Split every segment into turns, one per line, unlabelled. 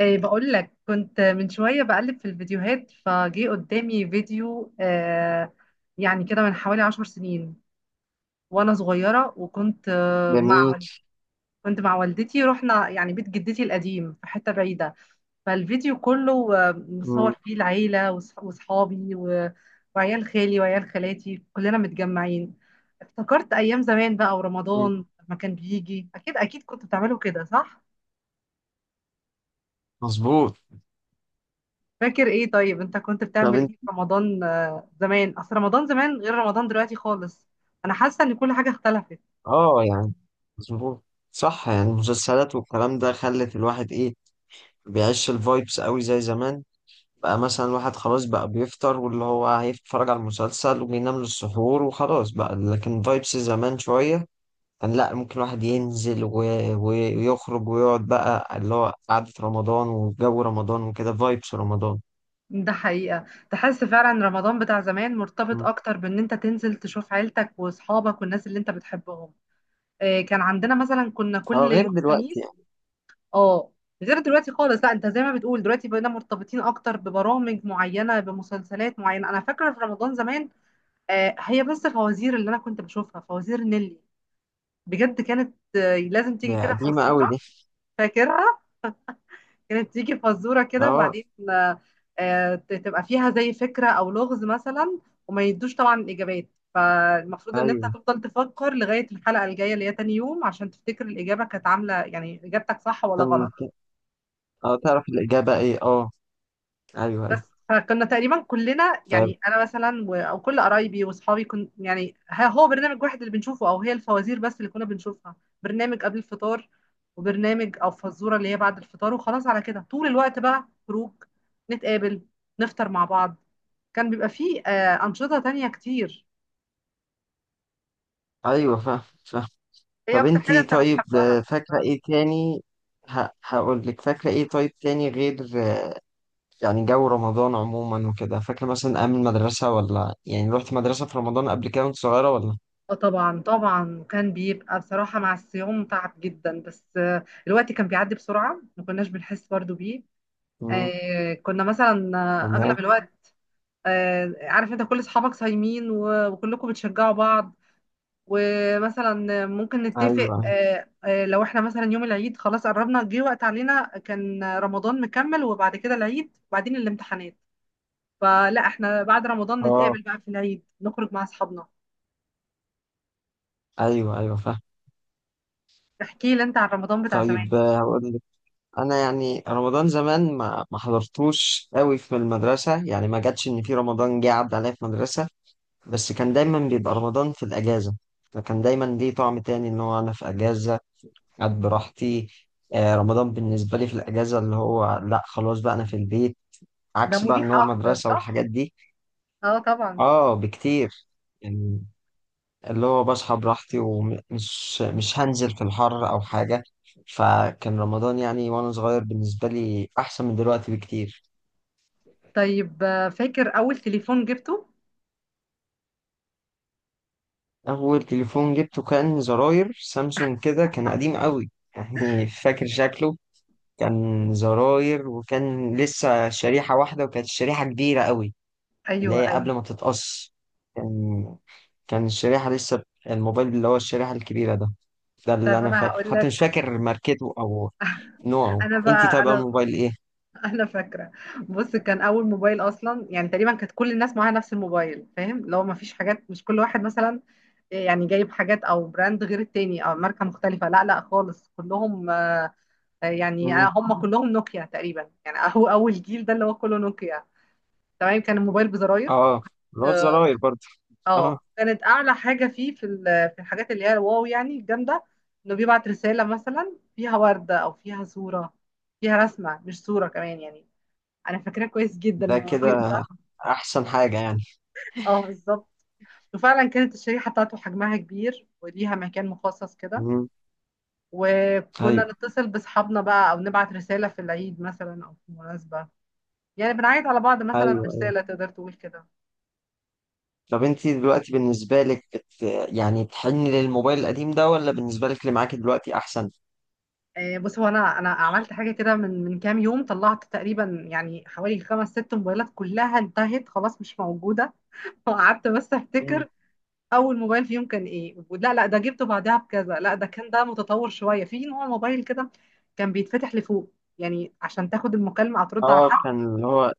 ايه، بقول لك كنت من شوية بقلب في الفيديوهات فجي قدامي فيديو يعني كده من حوالي 10 سنين وانا صغيرة، وكنت
جميل.
كنت مع والدتي، رحنا يعني بيت جدتي القديم في حتة بعيدة. فالفيديو كله مصور
مم.
فيه العيلة وصحابي وعيال خالي وعيال خالاتي كلنا متجمعين. افتكرت ايام زمان بقى،
مم.
ورمضان لما كان بيجي اكيد كنتوا بتعملوا كده صح؟
مظبوط.
فاكر ايه طيب؟ انت كنت
طب
بتعمل ايه
انت.
في رمضان زمان؟ اصل رمضان زمان غير رمضان دلوقتي خالص. انا حاسه ان كل حاجه اختلفت.
اه، يعني مظبوط. صح، يعني المسلسلات والكلام ده خلت الواحد ايه بيعيش الفايبس قوي زي زمان. بقى مثلا الواحد خلاص بقى بيفطر، واللي هو هيتفرج على المسلسل وبينام للسحور وخلاص بقى، لكن فايبس زمان شوية. كان لا ممكن الواحد ينزل ويخرج ويقعد بقى اللي هو قعدة رمضان وجو رمضان وكده فايبس رمضان.
ده حقيقه، تحس فعلا رمضان بتاع زمان مرتبط
مم.
اكتر بان انت تنزل تشوف عيلتك واصحابك والناس اللي انت بتحبهم. كان عندنا مثلا كنا
اه،
كل
غير
يوم
دلوقتي
خميس.
يعني.
اه، غير دلوقتي خالص. لا، انت زي ما بتقول دلوقتي بقينا مرتبطين اكتر ببرامج معينه، بمسلسلات معينه. انا فاكره في رمضان زمان. هي بس الفوازير اللي انا كنت بشوفها فوازير نيلي. بجد كانت، لازم تيجي
ده
كده
قديمة قوي
فزوره.
دي.
فاكرها. كانت تيجي فزوره كده،
اه.
وبعدين تبقى فيها زي فكره او لغز مثلا. وما يدوش طبعا الاجابات. فالمفروض ان انت
ايوه
هتفضل تفكر لغايه الحلقه الجايه اللي هي تاني يوم عشان تفتكر الاجابه كانت عامله، يعني اجابتك صح ولا غلط.
كان. اه، تعرف الإجابة ايه؟ اه. ايوه
بس.
ايوه.
فكنا تقريبا كلنا،
طب.
يعني انا مثلا او كل قرايبي واصحابي كن، يعني هو برنامج واحد اللي بنشوفه، او هي الفوازير بس اللي كنا بنشوفها. برنامج قبل الفطار، وبرنامج او فزوره اللي هي بعد الفطار، وخلاص على كده، طول الوقت بقى خروج. نتقابل. نفطر مع بعض. كان بيبقى فيه انشطه تانية كتير.
ايوه فاهم فاهم.
ايه
طب
اكتر حاجه
انتي
انت
طيب،
بتحبها؟
فاكرة ايه تاني؟ هقول لك فاكرة ايه طيب تاني غير آه، يعني جو رمضان عموما وكده، فاكرة مثلا أيام المدرسة، ولا يعني رحت مدرسة في رمضان قبل كده وانت صغيرة ولا؟
اه طبعا طبعا، كان بيبقى بصراحة مع الصيام تعب جدا، بس الوقت كان بيعدي بسرعة ما كناش بنحس برضو بيه.
مم.
كنا مثلا اغلب
تمام.
الوقت. عارف انت كل اصحابك صايمين وكلكم بتشجعوا بعض. ومثلا ممكن نتفق،
ايوه. أيوه.
لو احنا مثلا يوم العيد خلاص قربنا، جه وقت علينا كان رمضان مكمل وبعد كده العيد وبعدين الامتحانات. فلا، احنا بعد رمضان
اه.
نتقابل بقى في العيد، نخرج مع اصحابنا.
ايوه ايوه فاهم.
احكي لي انت عن رمضان بتاع زمان.
طيب، هقول لك. انا يعني رمضان زمان ما حضرتوش قوي في المدرسة، يعني ما جاتش ان في رمضان جه عدى عليا في مدرسة. بس كان دايما بيبقى رمضان في الأجازة. فكان دايما ليه طعم تاني إن هو أنا في أجازة، قاعد براحتي. رمضان بالنسبة لي في الأجازة اللي هو لأ خلاص بقى أنا في البيت،
ده
عكس بقى إن
مريح
هو
اكتر
مدرسة
صح؟
والحاجات دي.
اه طبعا.
آه، بكتير. يعني، اللي هو بصحى براحتي ومش مش هنزل في الحر أو حاجة. فكان رمضان يعني وأنا صغير بالنسبة لي أحسن من دلوقتي بكتير.
طيب فاكر اول تليفون جبته؟
أول تليفون جبته كان زراير سامسونج كده، كان قديم قوي. يعني فاكر شكله. كان زراير، وكان لسه شريحة واحدة، وكانت الشريحة كبيرة قوي، اللي
ايوه،
هي
ايوه.
قبل ما تتقص. كان كان الشريحة لسه. الموبايل اللي هو الشريحة الكبيرة ده. ده
طب
اللي أنا
انا
فاكره،
هقول
حتى مش
لك.
فاكر ماركته أو نوعه.
انا بقى،
أنتي طيب أول
انا
موبايل إيه؟
انا فاكره. بص، كان اول موبايل اصلا يعني تقريبا كانت كل الناس معاها نفس الموبايل، فاهم؟ لو ما فيش حاجات، مش كل واحد مثلا يعني جايب حاجات او براند غير التاني او ماركه مختلفه. لا لا، خالص كلهم يعني
مم.
هم كلهم نوكيا تقريبا، يعني هو اول جيل ده اللي هو كله نوكيا. تمام. كان الموبايل بزراير.
آه، اللي هو
اه.
الزراير برضه. آه.
كانت اعلى حاجه فيه في في الحاجات اللي هي الواو، يعني الجامده. انه بيبعت رساله مثلا فيها ورده، او فيها صوره، فيها رسمه مش صوره كمان يعني. انا فاكراه كويس جدا
ده
الموضوع
كده
ده.
أحسن حاجة يعني.
اه، بالظبط. وفعلا كانت الشريحه بتاعته حجمها كبير، وليها مكان مخصص كده.
مم.
وكنا
أيوه.
نتصل باصحابنا بقى، او نبعت رساله في العيد مثلا او في مناسبه. يعني بنعيد على بعض مثلا
أيوه أيوه.
برساله، تقدر تقول كده.
طب أنتي دلوقتي بالنسبة لك يعني بتحني للموبايل القديم ده، ولا بالنسبة لك اللي معاكي دلوقتي أحسن؟
بص، هو انا عملت حاجه كده من كام يوم، طلعت تقريبا يعني حوالي خمس ست موبايلات كلها انتهت خلاص مش موجوده. وقعدت بس افتكر اول موبايل فيهم كان ايه. لا لا، ده جبته بعدها بكذا. لا، ده كان، ده متطور شويه في نوع موبايل كده. كان بيتفتح لفوق يعني عشان تاخد المكالمه او ترد على
اه،
حد.
كان اللي هو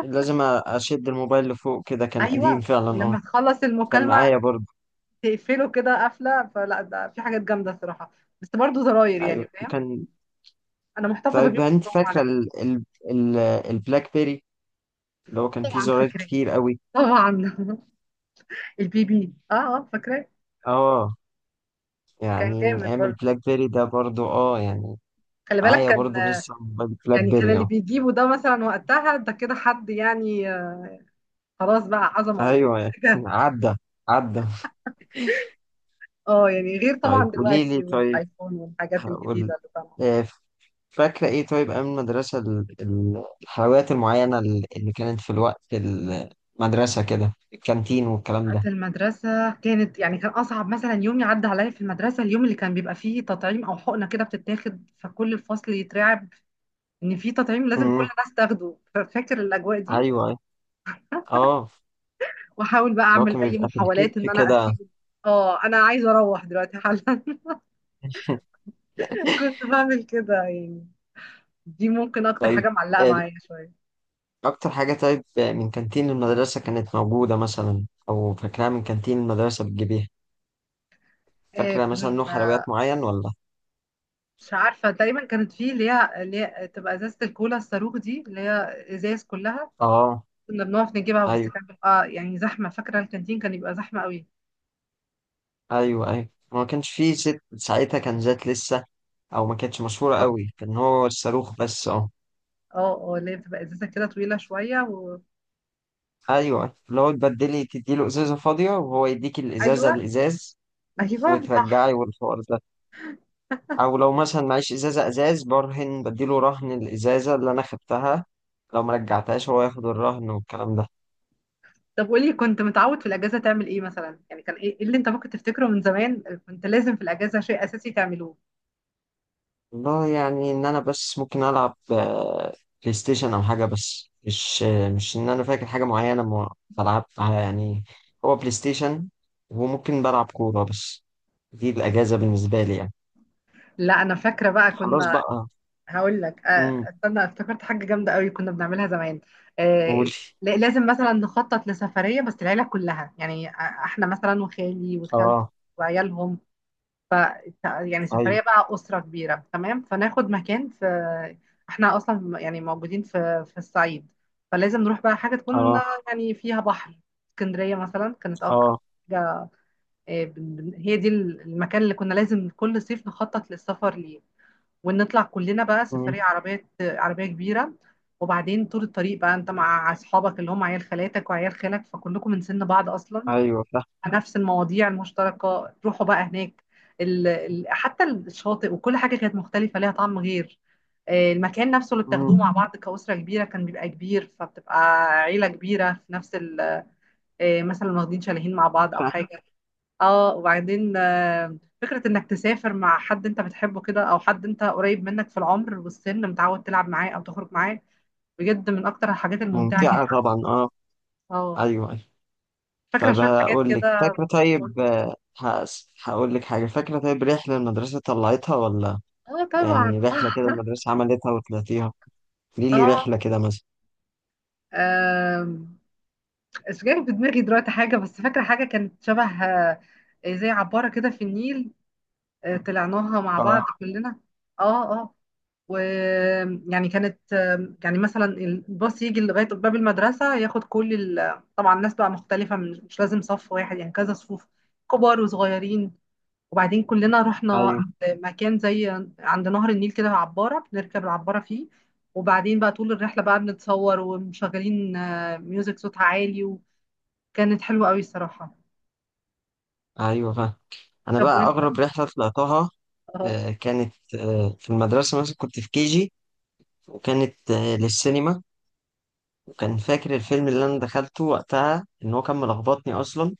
لازم اشد الموبايل لفوق كده، كان قديم
ايوه،
فعلا اه.
ولما تخلص
كان
المكالمه
معايا برضه.
تقفله كده قفله. فلا، ده في حاجات جامده صراحه. بس برضه زراير يعني،
ايوه
فاهم.
كان.
انا محتفظه
طيب
بيهم
انت
كلهم على
فاكره
فكره.
ال... البلاك بيري اللي هو كان فيه
طبعا
زراير
فاكراه.
كتير قوي.
طبعا. البي بي، اه اه فاكراه.
اه،
كان
يعني من
جامد
ايام
برضه.
البلاك بيري ده برضه اه يعني.
خلي بالك،
معايا
كان
برضه لسه موبايل بلاك
يعني كان
بيري
اللي
اه.
بيجيبه ده مثلا وقتها ده كده حد يعني خلاص بقى عظمه يعني.
ايوه، يعني عدى عدى.
اه يعني، غير
طيب
طبعا
قولي لي
دلوقتي،
طيب.
والايفون والحاجات
هقول.
الجديده اللي طبعا.
آه، فاكرة إيه طيب أيام المدرسة الحلويات المعينة اللي كانت في الوقت المدرسة كده، الكانتين والكلام
بتاعت
ده.
المدرسة كانت يعني، كان أصعب مثلا يوم يعدي عليا في المدرسة اليوم اللي كان بيبقى فيه تطعيم أو حقنة كده بتتاخد. فكل الفصل يترعب إن في تطعيم لازم كل
امم
الناس تاخده. ففاكر الأجواء
أيوه
دي،
أيوة. أه.
وأحاول بقى
اللي هو
أعمل
كان
أي
بيبقى في
محاولات إن
الكتف
أنا
كده.
أسيب. أنا عايزة أروح دلوقتي حالا. كنت بعمل كده يعني. دي ممكن أكتر حاجة
طيب،
معلقة
آه،
معايا شوية.
أكتر حاجة طيب من كانتين المدرسة كانت موجودة مثلا، أو فاكراها من كانتين المدرسة بتجيبيها؟ فاكرة مثلا
كنا،
نوع حلويات معين ولا؟
مش عارفة، تقريبا كانت في اللي هي تبقى ازازة الكولا الصاروخ دي اللي هي ازاز كلها.
أه.
كنا بنقف نجيبها بس
أيوه
كان بيبقى يعني زحمة. فاكرة الكانتين كان يبقى زحمة قوي.
أيوه أيوه، ما كانش فيه زيت ساعتها، كان زيت لسه، او ما كانتش مشهوره
طب.
قوي، كان هو الصاروخ بس اه.
اه. اه، اللي هي بتبقى ازازة كده طويلة شوية و.
ايوه، اللي هو تبدلي تديله ازازه فاضيه، وهو يديك
ايوه
الازازه الازاز،
ايوه صح.
وترجعي والحوار ده. او لو مثلا معيش ازازه ازاز برهن بديله، رهن الازازه اللي انا خدتها، لو ما رجعتهاش هو ياخد الرهن والكلام ده.
طب قولي، كنت متعود في الاجازة تعمل ايه مثلا؟ يعني كان ايه، اللي انت ممكن تفتكره من زمان كنت لازم في الاجازة شيء اساسي تعملوه؟
والله يعني، ان انا بس ممكن العب بلاي ستيشن او حاجه، بس مش ان انا فاكر حاجه معينه ما بلعبها يعني. هو بلاي ستيشن، وممكن بلعب كوره بس. دي الاجازه بالنسبه لي يعني.
لا، انا فاكرة بقى
خلاص
كنا.
بقى.
هقول لك
امم
استنى، افتكرت حاجة جامدة قوي كنا بنعملها زمان. آه،
قولي.
لازم مثلا نخطط لسفرية بس العيلة كلها يعني احنا مثلا، وخالي وخالتي
اه.
وعيالهم. ف يعني
ايوه.
سفرية بقى أسرة كبيرة، تمام. فناخد مكان في، احنا أصلا يعني موجودين في الصعيد. فلازم نروح بقى حاجة تكون
اه.
يعني فيها بحر. اسكندرية مثلا كانت أكتر
اه.
حاجة. هي دي المكان اللي كنا لازم كل صيف نخطط للسفر ليه. ونطلع كلنا بقى
امم
سفرية عربية عربية كبيرة. وبعدين طول الطريق بقى انت مع اصحابك اللي هم عيال خالاتك وعيال خالك، فكلكم من سن بعض اصلا.
ايوه فاهم.
نفس المواضيع المشتركة، تروحوا بقى هناك. حتى الشاطئ وكل حاجة كانت مختلفة ليها طعم غير، المكان نفسه اللي بتاخدوه
امم
مع بعض كأسرة كبيرة كان بيبقى كبير، فبتبقى عيلة كبيرة في نفس مثلا واخدين شاليهين مع بعض او
فاهم.
حاجة. اه، وبعدين فكرة انك تسافر مع حد انت بتحبه كده، او حد انت قريب منك في العمر والسن متعود تلعب معاه او تخرج معاه، بجد من اكتر الحاجات الممتعة
ممتعة
جدا.
طبعا اه.
اه.
ايوه ايوه.
فاكرة
طيب
شوية حاجات
هقول لك
كده.
فاكرة طيب هقول لك حاجة، فاكرة طيب رحلة المدرسة طلعتها ولا؟
اه طبعا.
يعني رحلة كده المدرسة عملتها وطلعتيها؟ ليه لي
اه،
رحلة كده مثلا.
آم، مش جاي في دماغي دلوقتي حاجة، بس فاكرة حاجة كانت شبه زي عبارة كده في النيل. طلعناها مع بعض
اه.
كلنا. اه اه. ويعني كانت يعني مثلا الباص يجي لغاية باب المدرسة، ياخد كل طبعا ناس بقى مختلفة، مش لازم صف واحد، يعني كذا صفوف، كبار وصغيرين. وبعدين كلنا رحنا
ايوه
مكان زي عند نهر النيل، كده عبارة بنركب العبارة فيه. وبعدين بقى طول الرحلة بقى بنتصور، ومشغلين ميوزك صوتها عالي. وكانت حلوة قوي الصراحة.
ايوه فاهم. انا
طب
بقى
وانت؟
اغرب رحلة طلعتها،
اه.
آه، كانت آه، في المدرسة مثلا كنت في كيجي، وكانت للسينما. كان فاكر الفيلم اللي انا دخلته وقتها ان هو كان ملخبطني اصلا،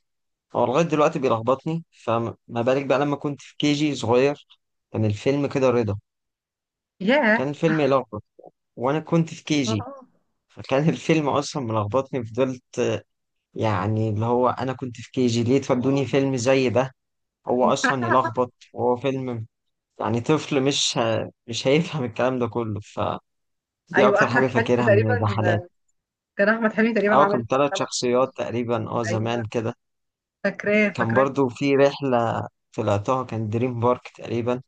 هو لغايه دلوقتي بيلخبطني، فما بالك بقى لما كنت في كي جي صغير. كان الفيلم كده رضا،
ياه.
كان فيلم يلخبط، وانا كنت في كي جي.
آه.
فكان الفيلم اصلا ملخبطني، فضلت يعني اللي هو انا كنت في كي جي ليه تودوني فيلم زي ده؟ هو اصلا يلخبط، وهو فيلم يعني طفل مش هيفهم الكلام ده كله، فدي
ايوه،
اكتر
احمد
حاجه
حلمي
فاكرها من
تقريبا.
الرحلات.
كان احمد حلمي تقريبا
اه
عمل
كان ثلاث
ثلاث.
شخصيات تقريبا اه زمان
ايوه،
كده.
فاكراه
كان
فاكراه.
برضو في رحلة طلعتها، كان دريم بارك تقريبا.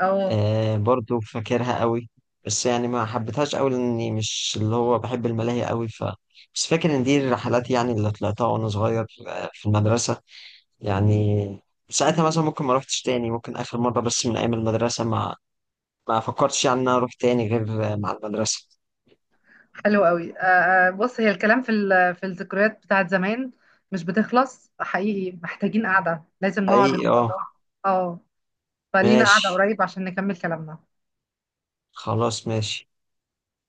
اه،
برضو فاكرها قوي، بس يعني ما حبيتهاش قوي لاني مش اللي هو بحب الملاهي قوي بس فاكر ان دي الرحلات يعني اللي طلعتها وانا صغير في المدرسة يعني. ساعتها مثلا ممكن ما روحتش تاني، ممكن اخر مرة بس من ايام المدرسة ما فكرتش يعني ان انا اروح تاني غير مع المدرسة.
حلو قوي. بص، هي الكلام في في الذكريات بتاعت زمان مش بتخلص حقيقي، محتاجين قعدة لازم نقعد ان
حقيقي
شاء الله.
اه.
اه. فلينا قعدة
ماشي.
قريب عشان نكمل كلامنا.
خلاص ماشي.